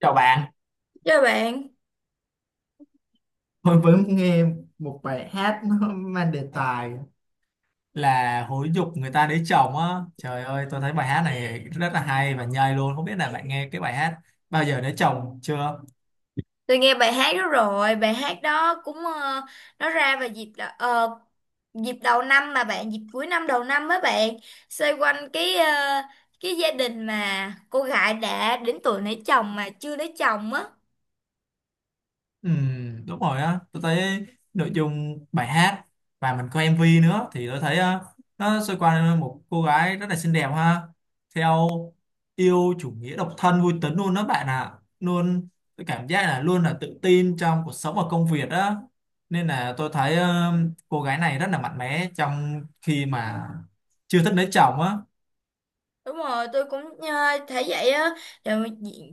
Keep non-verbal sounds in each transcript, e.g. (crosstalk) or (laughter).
Chào bạn, Chào bạn, tôi vẫn nghe một bài hát nó mang đề tài là hối dục người ta lấy chồng á. Trời ơi, tôi thấy bài hát này rất là hay và nhây luôn. Không biết là bạn nghe cái bài hát bao giờ lấy chồng chưa? tôi nghe bài hát đó rồi, bài hát đó cũng nó ra vào dịp dịp đầu năm mà bạn, dịp cuối năm đầu năm á bạn, xoay quanh cái gia đình mà cô gái đã đến tuổi lấy chồng mà chưa lấy chồng á. Ừ, đúng rồi á, tôi thấy nội dung bài hát và mình coi MV nữa thì tôi thấy, nó xoay quanh một cô gái rất là xinh đẹp ha, theo yêu chủ nghĩa độc thân vui tính luôn đó bạn ạ, luôn tôi cảm giác là luôn là tự tin trong cuộc sống và công việc đó. Nên là tôi thấy cô gái này rất là mạnh mẽ trong khi mà chưa thích lấy chồng á. Đúng rồi, tôi cũng thấy vậy á, tại vì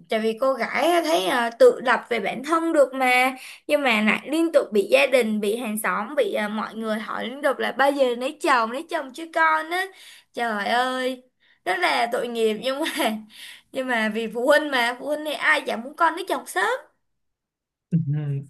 tại vì cô gái á, thấy tự lập về bản thân được mà, nhưng mà lại liên tục bị gia đình, bị hàng xóm, bị mọi người hỏi liên tục là bao giờ lấy chồng chứ con á, trời ơi, rất là tội nghiệp nhưng mà vì phụ huynh mà phụ huynh thì ai chẳng muốn con lấy chồng sớm. Ừ,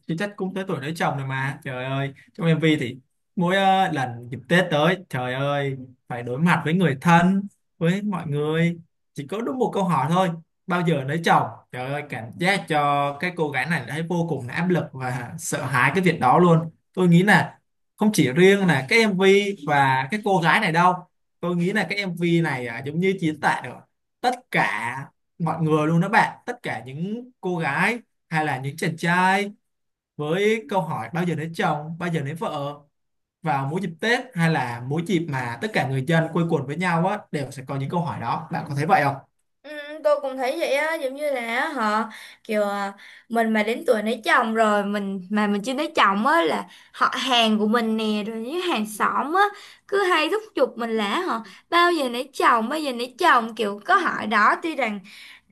chứ chắc cũng tới tuổi lấy chồng rồi mà. Trời ơi, trong MV thì mỗi lần dịp Tết tới, trời ơi, phải đối mặt với người thân, với mọi người, chỉ có đúng một câu hỏi thôi: bao giờ lấy chồng. Trời ơi, cảm giác cho cái cô gái này thấy vô cùng là áp lực và sợ hãi cái việc đó luôn. Tôi nghĩ là không chỉ riêng là cái MV và cái cô gái này đâu, tôi nghĩ là cái MV này, à, giống như diễn tả được tất cả mọi người luôn đó bạn, tất cả những cô gái hay là những chàng trai với câu hỏi bao giờ lấy chồng, bao giờ lấy vợ vào mỗi dịp Tết, hay là mỗi dịp mà tất cả người dân quây quần với nhau á đều sẽ có những câu hỏi đó. Bạn có thấy vậy không? Ừ, tôi cũng thấy vậy á giống như là họ kiểu mình mà đến tuổi lấy chồng rồi mình mà mình chưa lấy chồng á là họ hàng của mình nè rồi những hàng xóm á cứ hay thúc giục mình là họ bao giờ lấy chồng bao giờ lấy chồng kiểu có hỏi đó tuy rằng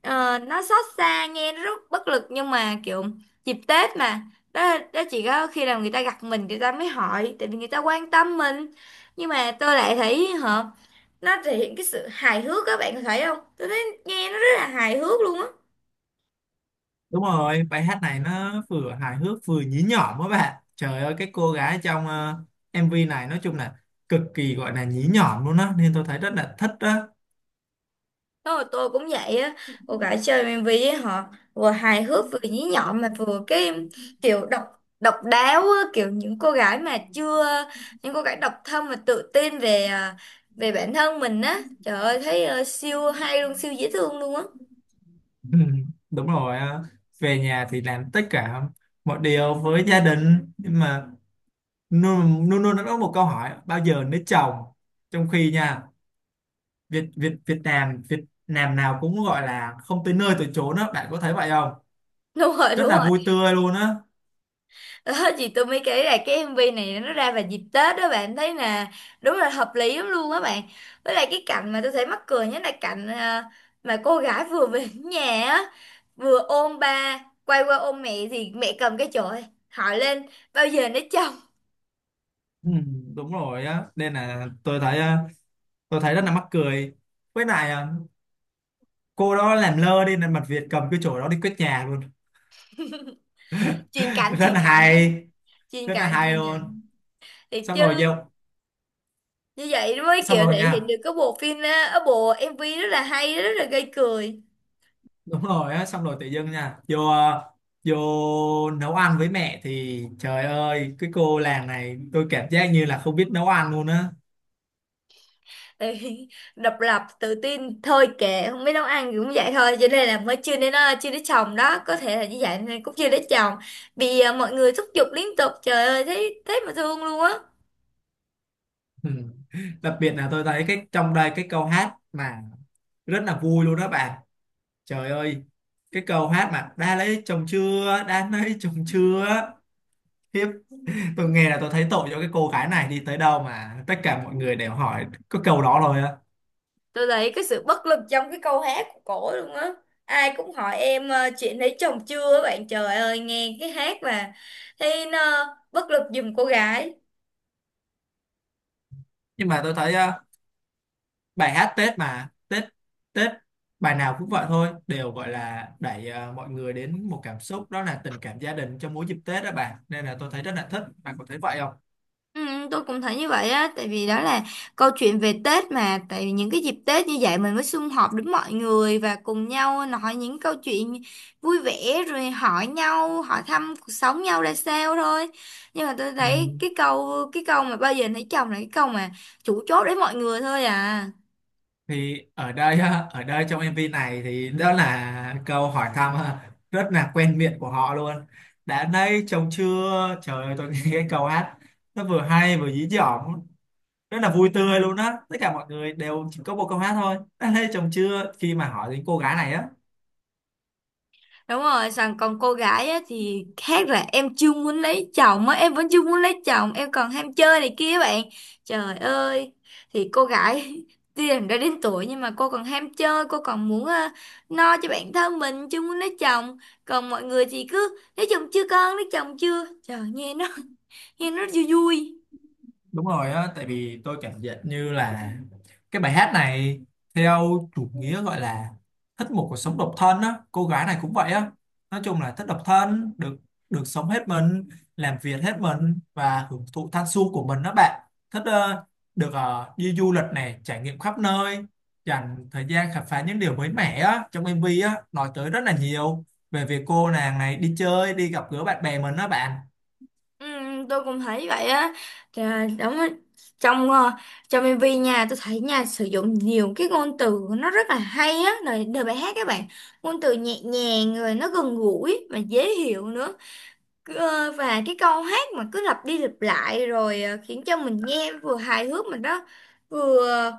nó xót xa nghe nó rất bất lực nhưng mà kiểu dịp Tết mà đó chỉ có khi nào người ta gặp mình người ta mới hỏi tại vì người ta quan tâm mình nhưng mà tôi lại thấy họ nó thể hiện cái sự hài hước các bạn có thấy không tôi nghe nó rất là hài hước luôn á. Đúng rồi, bài hát này nó vừa hài hước vừa nhí nhỏm á bạn. Trời ơi, cái cô gái trong, MV này nói chung là cực kỳ gọi là nhí nhỏm luôn á, nên tôi thấy rất là thích đó. Thôi tôi cũng vậy á cô gái chơi MV với họ vừa hài hước vừa nhí nhọn mà vừa cái kiểu độc độc đáo á, kiểu những cô gái mà chưa những cô gái độc thân mà tự tin về bản thân mình á trời ơi thấy siêu hay luôn siêu dễ thương luôn á (laughs) Ừ, (laughs) đúng rồi, về nhà thì làm tất cả mọi điều với gia đình, nhưng mà luôn luôn luôn nó có một câu hỏi: bao giờ lấy chồng, trong khi nha Việt Việt Việt Nam Việt Nam nào cũng gọi là không tới nơi tới chốn á. Bạn có thấy vậy không? đúng rồi Rất đúng là rồi. vui tươi luôn á. Ờ, chị tôi mới kể là cái MV này nó ra vào dịp Tết đó bạn thấy là đúng là hợp lý lắm luôn á bạn với lại cái cảnh mà tôi thấy mắc cười nhất là cảnh mà cô gái vừa về đến nhà á vừa ôm ba quay qua ôm mẹ thì mẹ cầm cái chổi hỏi lên bao giờ nó chồng Ừ, đúng rồi á, nên là tôi thấy rất là mắc cười. Với lại cô đó làm lơ đi nên mặt Việt cầm cái chổi đó đi quét nhà luôn. truyền (laughs) cảnh Rất truyền là cảnh hay, truyền rất là cảnh hay truyền luôn. cảnh thì Xong rồi chứ vô, như vậy mới xong kiểu rồi thể hiện nha, được cái bộ phim á, ở bộ MV rất là hay rất là gây cười. đúng rồi á, xong rồi tự dưng nha, vô nấu ăn với mẹ thì trời ơi, cái cô làng này tôi cảm giác như là không biết nấu ăn luôn á. Ê, độc lập tự tin thôi kệ không biết nấu ăn thì cũng vậy thôi cho nên là mới chưa đến chồng đó có thể là như vậy nên cũng chưa đến chồng vì mọi người thúc giục liên tục trời ơi thấy thấy mà thương luôn á. Ừ, đặc biệt là tôi thấy cái trong đây cái câu hát mà rất là vui luôn đó bạn, trời ơi, cái câu hát mà đã lấy chồng chưa, đã lấy chồng chưa, hiếp, tôi nghe là tôi thấy tội cho cái cô gái này, đi tới đâu mà tất cả mọi người đều hỏi có câu đó rồi á. Tôi thấy cái sự bất lực trong cái câu hát của cổ luôn á ai cũng hỏi em chuyện lấy chồng chưa á bạn trời ơi nghe cái hát mà thấy nó bất lực giùm cô gái. Nhưng mà tôi thấy bài hát Tết mà Tết Tết bài nào cũng vậy thôi, đều gọi là đẩy mọi người đến một cảm xúc, đó là tình cảm gia đình trong mỗi dịp Tết đó bạn, nên là tôi thấy rất là thích. Bạn có thấy vậy không? Ừ, tôi cũng thấy như vậy á tại vì đó là câu chuyện về Tết mà tại vì những cái dịp Tết như vậy mình mới sum họp được mọi người và cùng nhau nói những câu chuyện vui vẻ rồi hỏi nhau hỏi thăm cuộc sống nhau ra sao thôi nhưng mà tôi Ừ, thấy cái câu mà bao giờ lấy chồng là cái câu mà chủ chốt đến mọi người thôi à. thì ở đây ha, ở đây trong MV này thì đó là câu hỏi thăm ha, rất là quen miệng của họ luôn. Đã nay chồng chưa, trời ơi, tôi nghe cái câu hát nó vừa hay vừa dí dỏm, rất là vui tươi luôn á. Tất cả mọi người đều chỉ có một câu hát thôi: đã nay chồng chưa, khi mà hỏi đến cô gái này á. Đúng rồi, xong còn cô gái á, thì khác là em chưa muốn lấy chồng á, em vẫn chưa muốn lấy chồng, em còn ham chơi này kia bạn. Trời ơi, thì cô gái (laughs) tuy rằng đã đến tuổi nhưng mà cô còn ham chơi, cô còn muốn no cho bản thân mình, chưa muốn lấy chồng. Còn mọi người thì cứ lấy chồng chưa con, lấy chồng chưa. Trời, nghe nó, (laughs) nghe nó vui vui. Đúng rồi á, tại vì tôi cảm nhận như là cái bài hát này theo chủ nghĩa gọi là thích một cuộc sống độc thân á. Cô gái này cũng vậy á, nói chung là thích độc thân, được được sống hết mình, làm việc hết mình và hưởng thụ thanh xuân của mình đó bạn. Thích, được, đi du lịch này, trải nghiệm khắp nơi, dành thời gian khám phá những điều mới mẻ á. Trong MV á nói tới rất là nhiều về việc cô nàng này đi chơi, đi gặp gỡ bạn bè mình đó bạn. Ừ, tôi cũng thấy vậy á. Đúng á. trong ờ, trong MV nha tôi thấy nha sử dụng nhiều cái ngôn từ nó rất là hay á lời đời bài hát các bạn ngôn từ nhẹ nhàng rồi nó gần gũi mà dễ hiểu nữa. Và cái câu hát mà cứ lặp đi lặp lại rồi khiến cho mình nghe vừa hài hước mà nó vừa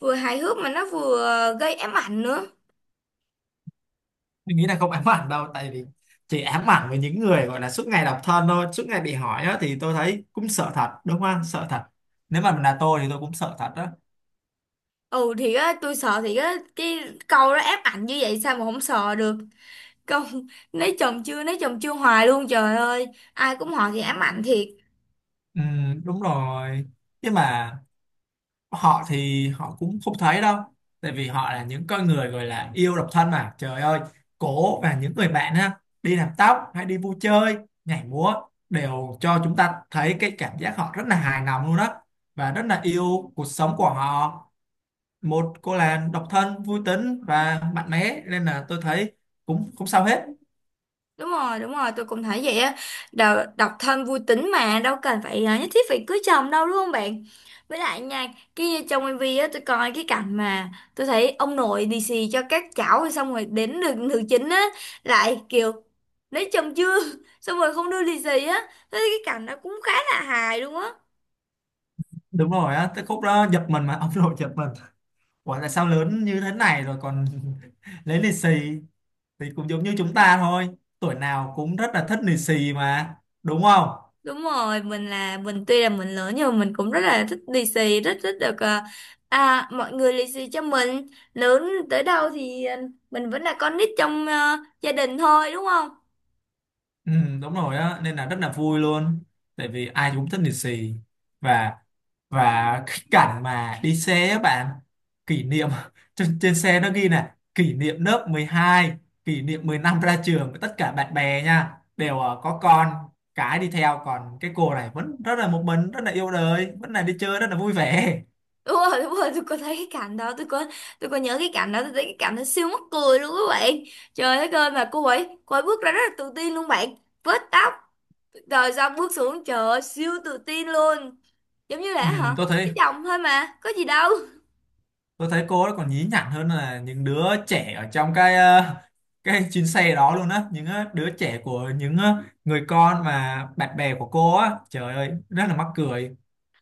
vừa hài hước mà nó vừa gây ám ảnh nữa. Mình nghĩ là không ám ảnh đâu, tại vì chỉ ám ảnh với những người gọi là suốt ngày độc thân thôi, suốt ngày bị hỏi á, thì tôi thấy cũng sợ thật, đúng không? Sợ thật, nếu mà là tôi thì tôi cũng sợ thật đó. Ừ thì á, tôi sợ thì á, cái câu đó ám ảnh như vậy sao mà không sợ được. Công lấy chồng chưa hoài luôn trời ơi ai cũng hỏi thì ám ảnh thiệt. Ừ, đúng rồi. Nhưng mà họ thì họ cũng không thấy đâu, tại vì họ là những con người gọi là yêu độc thân mà. Trời ơi, cổ và những người bạn ha đi làm tóc hay đi vui chơi, nhảy múa đều cho chúng ta thấy cái cảm giác họ rất là hài lòng luôn đó, và rất là yêu cuộc sống của họ. Một cô là độc thân vui tính và mạnh mẽ, nên là tôi thấy cũng không sao hết. Đúng rồi đúng rồi tôi cũng thấy vậy á. Độc thân vui tính mà đâu cần phải nhất thiết phải cưới chồng đâu đúng không bạn với lại nha kia trong MV á tôi coi cái cảnh mà tôi thấy ông nội lì xì cho các cháu rồi xong rồi đến được nữ chính á lại kiểu lấy chồng chưa (laughs) xong rồi không đưa lì xì á thế cái cảnh nó cũng khá là hài luôn á. Đúng rồi á, tới khúc đó giật mình mà (laughs) ông nội giật mình, ủa tại sao lớn như thế này rồi còn (laughs) lấy lì xì. Thì cũng giống như chúng ta thôi, tuổi nào cũng rất là thích lì xì mà, đúng không? Đúng rồi, mình là mình tuy là mình lớn nhưng mà mình cũng rất là thích lì xì, rất thích được mọi người lì xì cho mình. Lớn tới đâu thì mình vẫn là con nít trong gia đình thôi đúng không? Ừ, đúng rồi á, nên là rất là vui luôn, tại vì ai cũng thích lì xì. Và và cái cảnh mà đi xe á bạn, kỷ niệm, (laughs) trên xe nó ghi là kỷ niệm lớp 12, kỷ niệm 10 ra trường với tất cả bạn bè nha, đều có con cái đi theo. Còn cái cô này vẫn rất là một mình, rất là yêu đời, vẫn là đi chơi rất là vui vẻ. Đúng rồi, tôi có thấy cái cảnh đó, tôi có nhớ cái cảnh đó, tôi thấy cái cảnh nó siêu mắc cười luôn các bạn. Trời đất ơi mà cô ấy bước ra rất là tự tin luôn bạn. Vết tóc rồi xong bước xuống trời ơi, siêu tự tin luôn. Giống như Ừ, là hả? tôi thấy Cái chồng thôi mà, có gì đâu. tôi thấy cô ấy còn nhí nhảnh hơn là những đứa trẻ ở trong cái chuyến xe đó luôn á, những đứa trẻ của những người con mà bạn bè của cô á, trời ơi rất là mắc cười.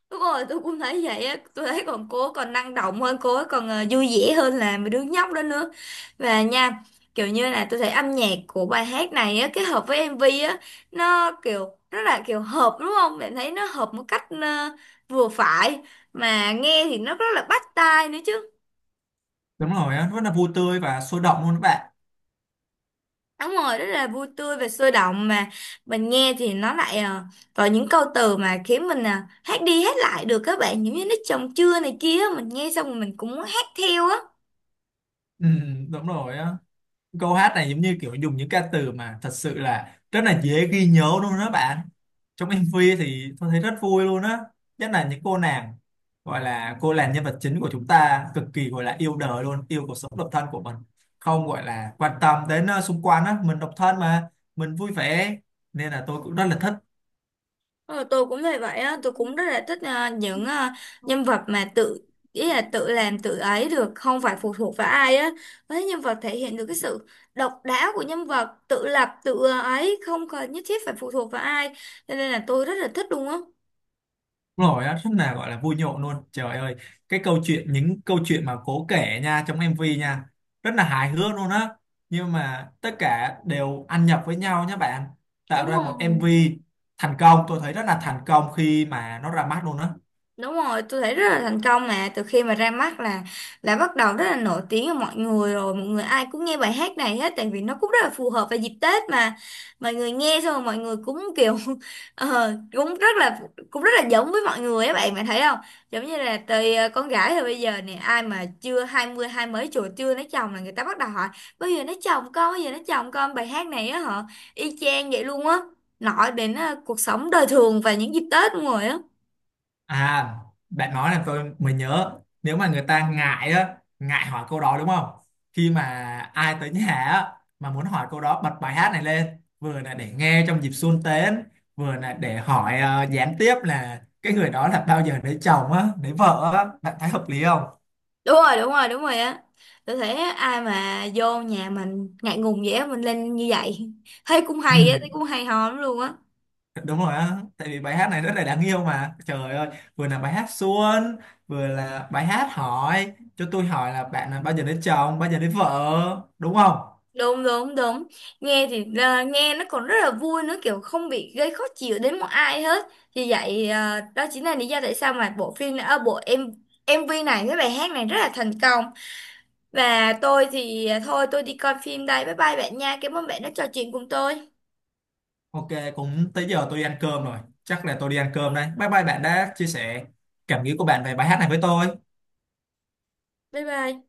Đúng rồi, tôi cũng thấy vậy á, tôi thấy còn cô ấy còn năng động hơn, cô ấy còn vui vẻ hơn là mấy đứa nhóc đó nữa. Và nha, kiểu như là tôi thấy âm nhạc của bài hát này á, kết hợp với MV á, nó kiểu rất là kiểu hợp đúng không? Bạn thấy nó hợp một cách vừa phải, mà nghe thì nó rất là bắt tai nữa chứ. Đúng rồi á, rất là vui tươi và sôi động luôn các bạn. Đúng rồi, rất là vui tươi và sôi động mà mình nghe thì nó lại có những câu từ mà khiến mình hát đi hát lại được các bạn, giống như nó chồng chưa này kia, mình nghe xong rồi mình cũng muốn hát theo á. Ừ, đúng rồi á, câu hát này giống như kiểu dùng những ca từ mà thật sự là rất là dễ ghi nhớ luôn đó bạn. Trong MV thì tôi thấy rất vui luôn á, nhất là những cô nàng gọi là cô nàng nhân vật chính của chúng ta cực kỳ gọi là yêu đời luôn, yêu cuộc sống độc thân của mình, không gọi là quan tâm đến xung quanh á. Mình độc thân mà mình vui vẻ, nên là tôi cũng rất là thích. Ờ, tôi cũng thấy vậy á, tôi cũng rất là thích những nhân vật mà tự ý là tự làm tự ấy được, không phải phụ thuộc vào ai á. Với nhân vật thể hiện được cái sự độc đáo của nhân vật, tự lập tự ấy, không cần nhất thiết phải phụ thuộc vào ai. Cho nên là tôi rất là thích luôn á. Đúng rồi á, rất là gọi là vui nhộn luôn, trời ơi, cái câu chuyện, những câu chuyện mà cố kể nha, trong MV nha, rất là hài hước luôn á, nhưng mà tất cả đều ăn nhập với nhau nhé bạn, tạo Đúng ra một rồi. MV thành công. Tôi thấy rất là thành công khi mà nó ra mắt luôn á. Đúng rồi, tôi thấy rất là thành công mà từ khi mà ra mắt là bắt đầu rất là nổi tiếng ở mọi người rồi, mọi người ai cũng nghe bài hát này hết tại vì nó cũng rất là phù hợp vào dịp Tết mà. Mọi người nghe xong rồi mọi người cũng kiểu (laughs) ờ, cũng rất là cũng rất là giống với mọi người á bạn bạn thấy không? Giống như là từ con gái rồi bây giờ nè, ai mà chưa 20 hai mấy tuổi chưa lấy chồng là người ta bắt đầu hỏi bao giờ lấy chồng con, bao giờ lấy chồng con bài hát này á họ y chang vậy luôn á. Nói đến cuộc sống đời thường và những dịp Tết luôn rồi á. À, bạn nói là tôi mới nhớ, nếu mà người ta ngại á, ngại hỏi câu đó đúng không? Khi mà ai tới nhà á, mà muốn hỏi câu đó, bật bài hát này lên, vừa là để nghe trong dịp xuân tết, vừa là để hỏi gián tiếp là cái người đó là bao giờ lấy chồng á, lấy vợ á, bạn thấy hợp lý không? Đúng rồi đúng rồi đúng rồi á tôi thấy á, ai mà vô nhà mình ngại ngùng vậy á, mình lên như vậy (laughs) thấy cũng Ừ, hay á thấy cũng hay ho lắm luôn á. đúng rồi á, tại vì bài hát này rất là đáng yêu mà. Trời ơi, vừa là bài hát xuân, vừa là bài hát hỏi cho tôi hỏi là bạn là bao giờ lấy chồng, bao giờ lấy vợ, đúng không? Đúng đúng đúng nghe thì nghe nó còn rất là vui nữa kiểu không bị gây khó chịu đến một ai hết vì vậy đó chính là lý do tại sao mà bộ phim bộ em MV này với bài hát này rất là thành công và tôi thì thôi tôi đi coi phim đây bye bye bạn nha cảm ơn bạn đã trò chuyện cùng tôi Ok, cũng tới giờ tôi đi ăn cơm rồi. Chắc là tôi đi ăn cơm đây. Bye bye bạn đã chia sẻ cảm nghĩ của bạn về bài hát này với tôi. bye bye